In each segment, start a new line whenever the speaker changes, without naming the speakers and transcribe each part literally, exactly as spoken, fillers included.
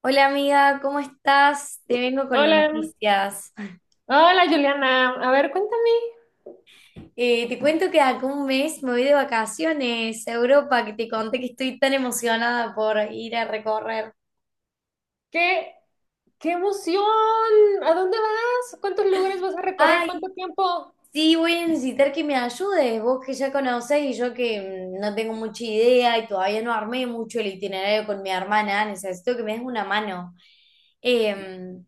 Hola amiga, ¿cómo estás? Te vengo con
Hola,
noticias.
hola Juliana. A ver, cuéntame,
Eh, te cuento que acá un mes me voy de vacaciones a Europa, que te conté que estoy tan emocionada por ir a recorrer.
¿qué, qué emoción? ¿A dónde vas? ¿Cuántos lugares vas a recorrer?
Ay,
¿Cuánto tiempo?
sí, voy a necesitar que me ayudes, vos que ya conocés y yo que mm, no tengo mucha idea y todavía no armé mucho el itinerario con mi hermana, necesito que me des una mano. Em,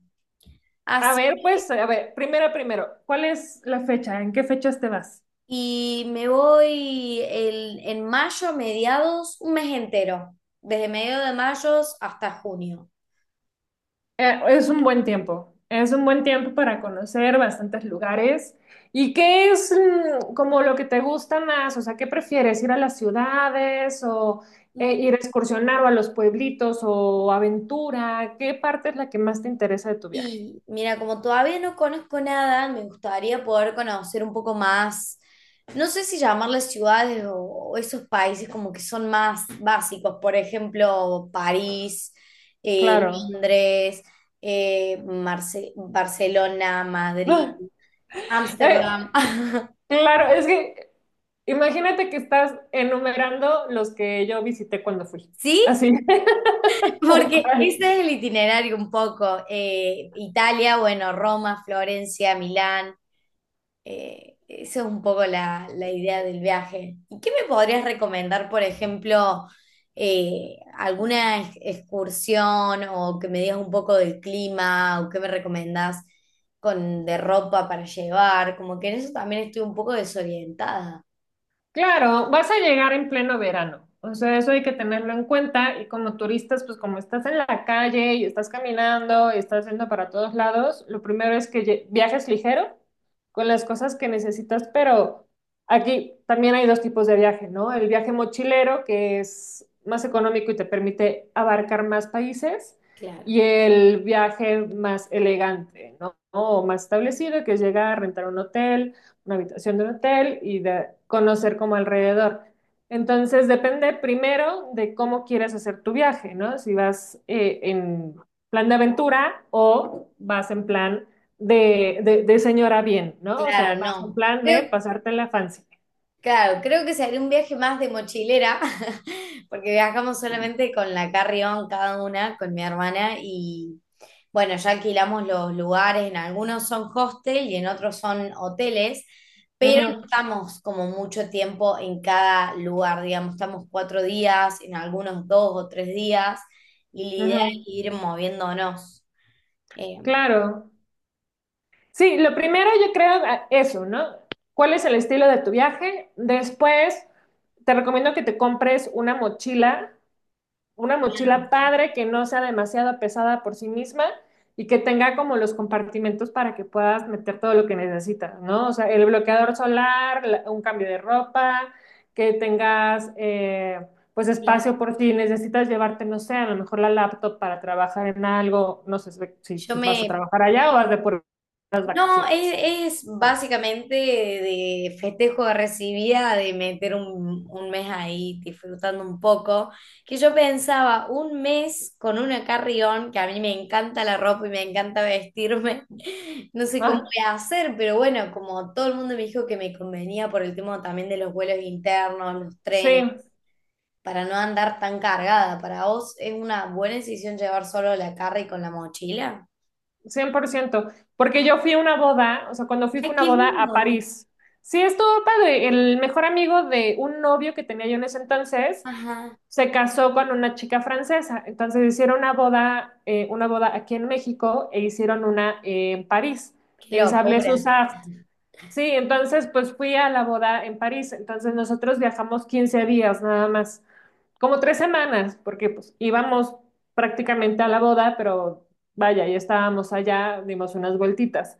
A
Así
ver, pues, a ver, primero, primero, ¿cuál es la fecha? ¿En qué fechas te vas?
Y me voy el- en mayo a mediados, un mes entero, desde mediados de mayo hasta junio.
Eh, es un buen tiempo, es un buen tiempo para conocer bastantes lugares. ¿Y qué es mm, como lo que te gusta más? O sea, ¿qué prefieres? ¿Ir a las ciudades o eh,
Mm,
ir a excursionar o a los pueblitos o aventura? ¿Qué parte es la que más te interesa de tu viaje?
Y mira, como todavía no conozco nada, me gustaría poder conocer un poco más, no sé si llamarles ciudades o, o esos países como que son más básicos, por ejemplo, París, eh,
Claro.
Londres, eh, Marce- Barcelona, Madrid,
Eh,
Ámsterdam.
claro, es que imagínate que estás enumerando los que yo visité cuando fui.
¿Sí?
Así, tal
Porque
cual.
ese es el itinerario un poco. eh, Italia, bueno, Roma, Florencia, Milán. Eh, esa es un poco la, la idea del viaje. ¿Y qué me podrías recomendar, por ejemplo, eh, alguna ex- excursión o que me digas un poco del clima o qué me recomendás con, de ropa para llevar? Como que en eso también estoy un poco desorientada.
Claro, vas a llegar en pleno verano, o sea, eso hay que tenerlo en cuenta y como turistas, pues como estás en la calle y estás caminando y estás yendo para todos lados, lo primero es que lle- viajes ligero con las cosas que necesitas, pero aquí también hay dos tipos de viaje, ¿no? El viaje mochilero, que es más económico y te permite abarcar más países,
Claro.
y el viaje más elegante, ¿no? O más establecido, que es llegar, rentar un hotel una habitación de un hotel y de conocer como alrededor. Entonces, depende primero de cómo quieres hacer tu viaje, ¿no? Si vas eh, en plan de aventura o vas en plan de, de, de señora bien, ¿no? O sea,
Claro,
vas en
no.
plan de
Creo,
pasarte la fancy.
Claro, creo que se haría un viaje más de mochilera, porque viajamos solamente con la carry-on cada una, con mi hermana, y bueno, ya alquilamos los lugares, en algunos son hostel y en otros son hoteles, pero no
Ujú,
estamos como mucho tiempo en cada lugar, digamos, estamos cuatro días, en algunos dos o tres días, y la idea es
ujú.
ir moviéndonos. Eh,
Claro. Sí, lo primero yo creo ah, eso, ¿no? ¿Cuál es el estilo de tu viaje? Después, te recomiendo que te compres una mochila una mochila padre que no sea demasiado pesada por sí misma y que tenga como los compartimentos para que puedas meter todo lo que necesitas, ¿no? O sea, el bloqueador solar, un cambio de ropa, que tengas eh, pues
Claro.
espacio por si necesitas llevarte, no sé, a lo mejor la laptop para trabajar en algo, no sé si,
yo
si vas a
me
trabajar allá o vas de por las
No,
vacaciones.
es, es básicamente de festejo de recibida, de meter un, un mes ahí disfrutando un poco, que yo pensaba un mes con una carrión, que a mí me encanta la ropa y me encanta vestirme, no sé cómo
Ah,
voy a hacer, pero bueno, como todo el mundo me dijo que me convenía por el tema también de los vuelos internos, los
sí.
trenes, para no andar tan cargada, para vos es una buena decisión llevar solo la carry con la mochila.
Cien por ciento porque yo fui a una boda, o sea, cuando fui
Ay,
fue una
qué
boda a
lindo.
París. Sí, estuvo padre. El mejor amigo de un novio que tenía yo en ese entonces
Ajá.
se casó con una chica francesa. Entonces hicieron una boda, eh, una boda aquí en México e hicieron una eh, en París,
Qué
en
locura.
Sablé-Sous-Sarthe. Sí, entonces pues fui a la boda en París. Entonces nosotros viajamos quince días nada más como tres semanas, porque pues íbamos prácticamente a la boda, pero vaya, ya estábamos allá, dimos unas vueltitas.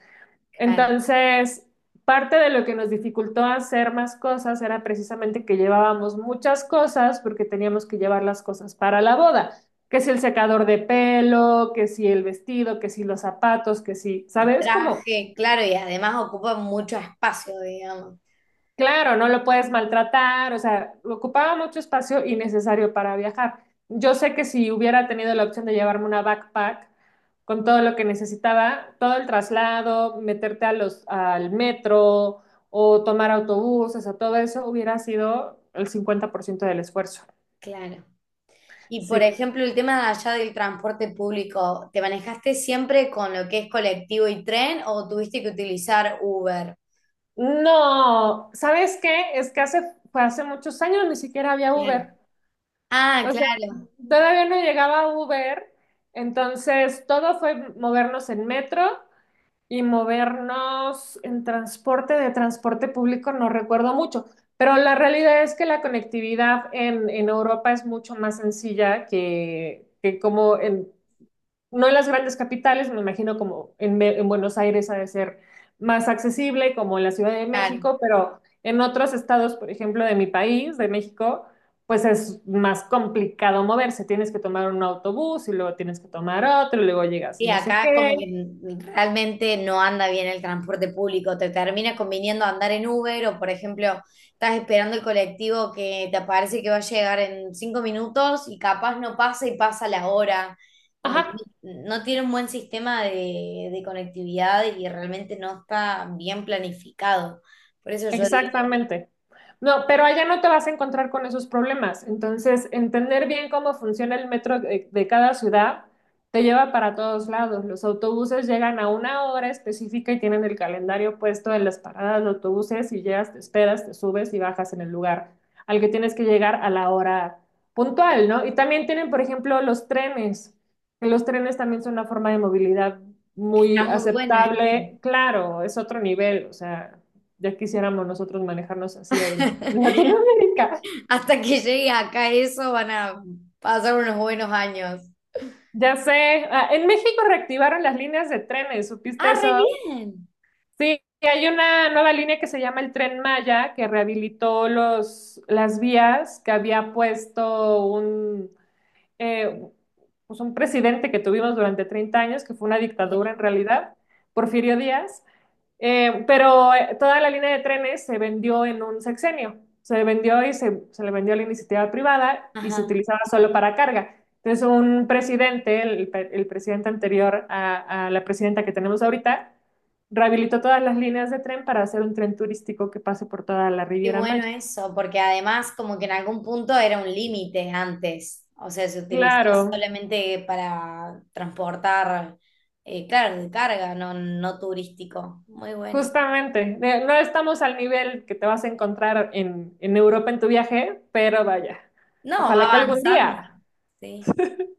Claro.
Entonces, parte de lo que nos dificultó hacer más cosas era precisamente que llevábamos muchas cosas porque teníamos que llevar las cosas para la boda, que si el secador de pelo, que si el vestido, que si los zapatos, que si, ¿sabes? Como
Traje, claro, y además ocupa mucho espacio, digamos.
claro, no lo puedes maltratar, o sea, ocupaba mucho espacio innecesario para viajar. Yo sé que si hubiera tenido la opción de llevarme una backpack con todo lo que necesitaba, todo el traslado, meterte a los, al metro o tomar autobuses, o todo eso hubiera sido el cincuenta por ciento del esfuerzo.
Claro. Y por
Sí.
ejemplo, el tema de allá del transporte público, ¿te manejaste siempre con lo que es colectivo y tren o tuviste que utilizar Uber?
No, ¿sabes qué? Es que hace, fue hace muchos años ni siquiera había
Claro.
Uber.
Ah,
O sea,
claro,
todavía no llegaba Uber, entonces todo fue movernos en metro y movernos en transporte, de transporte público no recuerdo mucho, pero la realidad es que la conectividad en, en Europa es mucho más sencilla que, que como en, no en las grandes capitales, me imagino como en, Be- en Buenos Aires ha de ser más accesible, como en la Ciudad de
claro.
México, pero en otros estados, por ejemplo, de mi país, de México, pues es más complicado moverse. Tienes que tomar un autobús y luego tienes que tomar otro y luego llegas y
Sí,
no sé
acá como que
qué.
realmente no anda bien el transporte público, te termina conviniendo andar en Uber o por ejemplo estás esperando el colectivo que te parece que va a llegar en cinco minutos y capaz no pasa y pasa la hora, como que
Ajá,
no tiene un buen sistema de, de conectividad y realmente no está bien planificado. Por eso yo digo,
exactamente. No, pero allá no te vas a encontrar con esos problemas. Entonces, entender bien cómo funciona el metro de, de cada ciudad te lleva para todos lados. Los autobuses llegan a una hora específica y tienen el calendario puesto en las paradas de autobuses y llegas, te esperas, te subes y bajas en el lugar al que tienes que llegar a la hora puntual, ¿no? Y también tienen, por ejemplo, los trenes. Que Los trenes también son una forma de movilidad
está
muy
muy bueno esto.
aceptable. Claro, es otro nivel, o sea. Ya quisiéramos nosotros manejarnos así en Latinoamérica.
Hasta que llegue acá eso van a pasar unos buenos años.
Ya sé, ah, en México reactivaron las líneas de trenes, ¿supiste
Ah,
eso?
re bien.
Sí, y hay una nueva línea que se llama el Tren Maya, que rehabilitó los, las vías que había puesto un, eh, pues un presidente que tuvimos durante treinta años, que fue una
Mirá,
dictadura en realidad, Porfirio Díaz. Eh, pero eh, toda la línea de trenes se vendió en un sexenio. Se vendió y se, se le vendió a la iniciativa privada y se
ajá,
utilizaba solo para carga. Entonces, un presidente, el, pe- el presidente anterior a, a la presidenta que tenemos ahorita, rehabilitó todas las líneas de tren para hacer un tren turístico que pase por toda la
qué
Riviera
bueno
Maya.
eso, porque además como que en algún punto era un límite antes, o sea, se utilizaba
Claro,
solamente para transportar, eh, claro, de carga, no, no turístico. Muy bueno.
justamente. De- No estamos al nivel que te vas a encontrar en, en Europa en tu viaje, pero vaya,
No, va
ojalá que algún
avanzando.
día.
Sí,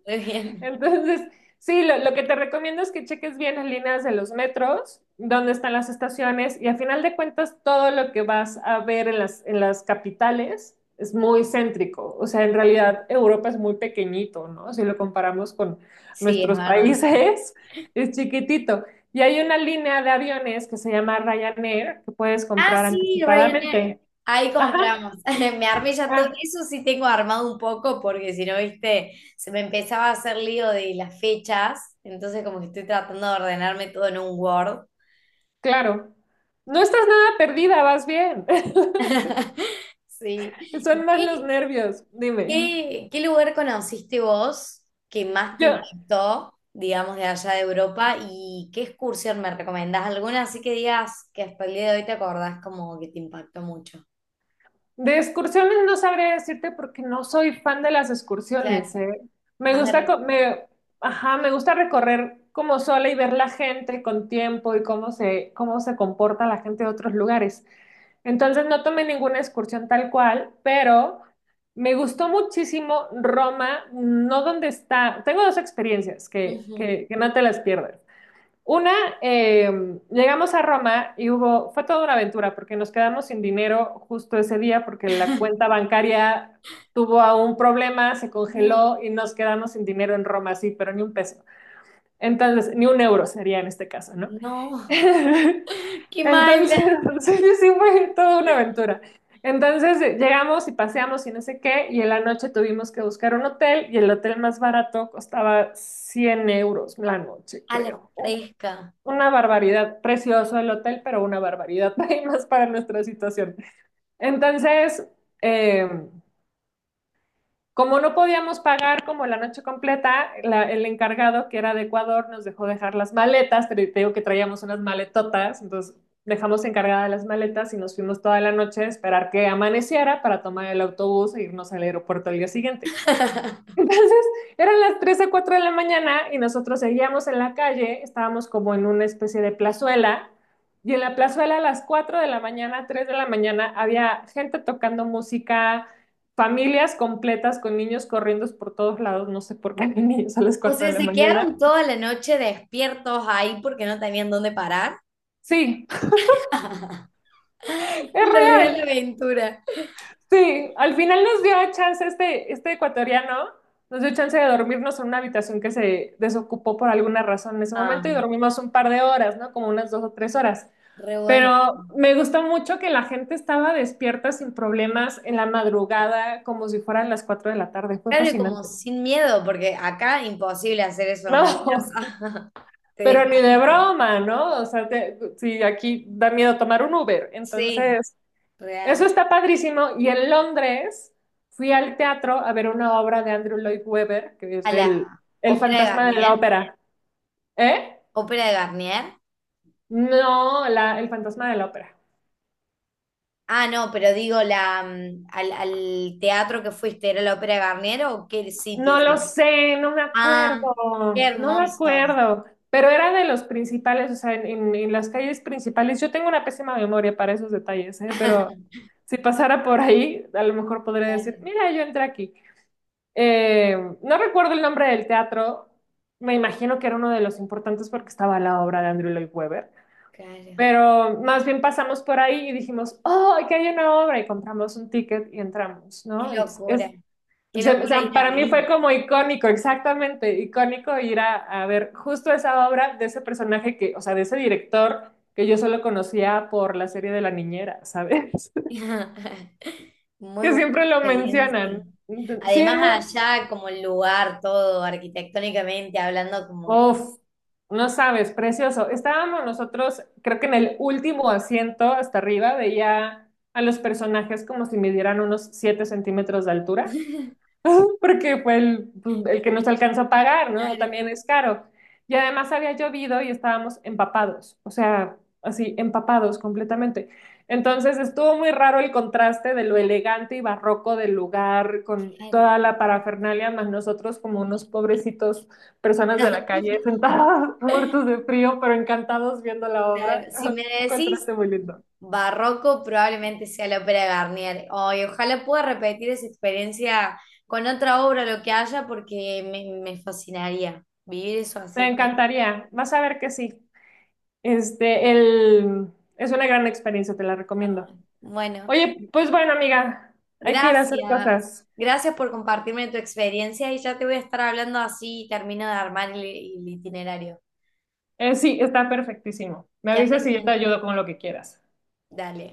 muy bien.
Entonces, sí, lo, lo que te recomiendo es que cheques bien las líneas de los metros, dónde están las estaciones y a final de cuentas todo lo que vas a ver en las, en las capitales es muy céntrico. O sea, en realidad Europa es muy pequeñito, ¿no? Si lo comparamos con
Sí, es
nuestros
verdad.
países, es chiquitito. Y hay una línea de aviones que se llama Ryanair que puedes
Ah,
comprar
sí, Ryanair.
anticipadamente.
Ahí
Ajá,
compramos. Me armé ya todo.
ah,
Eso sí tengo armado un poco porque si no, viste, se me empezaba a hacer lío de las fechas. Entonces como que estoy tratando de ordenarme todo en un Word.
claro. No estás nada perdida, vas bien.
Sí. ¿Y
Son más los
qué,
nervios, dime.
qué, qué lugar conociste vos que más te
Yo
impactó, digamos, de allá de Europa? ¿Y qué excursión me recomendás? ¿Alguna así que digas que hasta el día de hoy te acordás como que te impactó mucho?
de excursiones no sabría decirte porque no soy fan de las
Claro,
excursiones, ¿eh? Me
más de
gusta, co-
recuerdo.
me, ajá, me gusta recorrer como sola y ver la gente con tiempo y cómo se, cómo se comporta la gente de otros lugares. Entonces no tomé ninguna excursión tal cual, pero me gustó muchísimo Roma, no donde está. Tengo dos experiencias que, que, que no te las pierdas. Una, eh, llegamos a Roma y hubo, fue toda una aventura porque nos quedamos sin dinero justo ese día porque la cuenta bancaria tuvo a un problema, se
No,
congeló y nos quedamos sin dinero en Roma, sí, pero ni un peso. Entonces, ni un euro sería en este caso, ¿no?
no, qué mal.
Entonces, sí, sí, fue toda una aventura. Entonces eh, llegamos y paseamos y no sé qué, y en la noche tuvimos que buscar un hotel y el hotel más barato costaba cien euros la noche,
A la
creo.
fresca.
Una barbaridad, precioso el hotel, pero una barbaridad, hay más para nuestra situación. Entonces, eh, como no podíamos pagar como la noche completa, la- el encargado que era de Ecuador nos dejó dejar las maletas, te, digo que traíamos unas maletotas, entonces dejamos encargadas las maletas y nos fuimos toda la noche a esperar que amaneciera para tomar el autobús e irnos al aeropuerto al día siguiente. Entonces, eran las tres a cuatro de la mañana y nosotros seguíamos en la calle, estábamos como en una especie de plazuela, y en la plazuela a las cuatro de la mañana, tres de la mañana, había gente tocando música, familias completas con niños corriendo por todos lados, no sé por qué hay niños a las
O
cuatro
sea,
de la
se
mañana.
quedaron toda la noche despiertos ahí porque no tenían dónde parar.
Sí, es
Fue la real
real.
aventura.
Sí, al final nos dio chance este, este ecuatoriano, nos dio chance de dormirnos en una habitación que se desocupó por alguna razón en ese
Ah,
momento y dormimos un par de horas, ¿no? Como unas dos o tres horas.
re bueno.
Pero me gustó mucho que la gente estaba despierta sin problemas en la madrugada, como si fueran las cuatro de la tarde. Fue
Claro, y como
fascinante.
sin miedo, porque acá imposible hacer eso en una
No,
plaza. Te
pero ni de
desmayan.
broma, ¿no? O sea, te- sí, aquí da miedo tomar un Uber.
Sí,
Entonces, eso
real.
está padrísimo. Y en Londres fui al teatro a ver una obra de Andrew Lloyd Webber, que es
A la
el, el
Ópera de
fantasma de la
Garnier.
ópera. ¿Eh?
Ópera de Garnier.
No, la- el fantasma de la ópera.
Ah, no, pero digo, la, mm, al, al teatro que fuiste, ¿era la Ópera de Garnier o qué sitio
No lo
era?
sé, no me
Ah, qué
acuerdo, no me
hermoso.
acuerdo. Pero era de los principales, o sea, en, en- en las calles principales. Yo tengo una pésima memoria para esos detalles, ¿eh? Pero si pasara por ahí, a lo mejor podría decir,
Claro,
mira, yo entré aquí. Eh, no recuerdo el nombre del teatro, me imagino que era uno de los importantes porque estaba la obra de Andrew Lloyd Webber,
claro.
pero más bien pasamos por ahí y dijimos, oh, aquí hay una obra y compramos un ticket y entramos,
Qué
¿no? Entonces,
locura.
es- o
Qué
sea, o
locura
sea,
ir
para mí
ahí.
fue como icónico, exactamente, icónico ir a, a ver justo esa obra de ese personaje que, o sea, de ese director que yo solo conocía por la serie de La Niñera, ¿sabes?
Muy
Que
buena
siempre lo mencionan.
experiencia.
Entonces, sí, es muy,
Además, allá como el lugar, todo arquitectónicamente hablando, como...
uf, no sabes, precioso. Estábamos nosotros, creo que en el último asiento hasta arriba, veía a los personajes como si midieran unos siete centímetros de altura. Porque fue el, pues, el que nos alcanzó a pagar, ¿no?
Claro,
También es caro. Y además había llovido y estábamos empapados, o sea, así, empapados completamente. Entonces estuvo muy raro el contraste de lo elegante y barroco del lugar con
claro.
toda la parafernalia, más nosotros como unos pobrecitos personas de la calle sentados muertos de frío, pero encantados viendo la
Claro,
obra.
si me
Un
decís
contraste muy lindo.
barroco, probablemente sea la Ópera de Garnier. Ay, ojalá pueda repetir esa experiencia con otra obra, lo que haya, porque me, me fascinaría vivir eso
Te
así como.
encantaría, vas a ver que sí. Este, el, es una gran experiencia, te la
No.
recomiendo.
Bueno,
Oye, pues bueno, amiga, hay que ir a hacer
gracias.
cosas.
Gracias por compartirme tu experiencia y ya te voy a estar hablando así y termino de armar el, el itinerario.
Eh, sí, está perfectísimo. Me
Que
avisas
andes
y yo
bien.
te ayudo con lo que quieras.
Dale.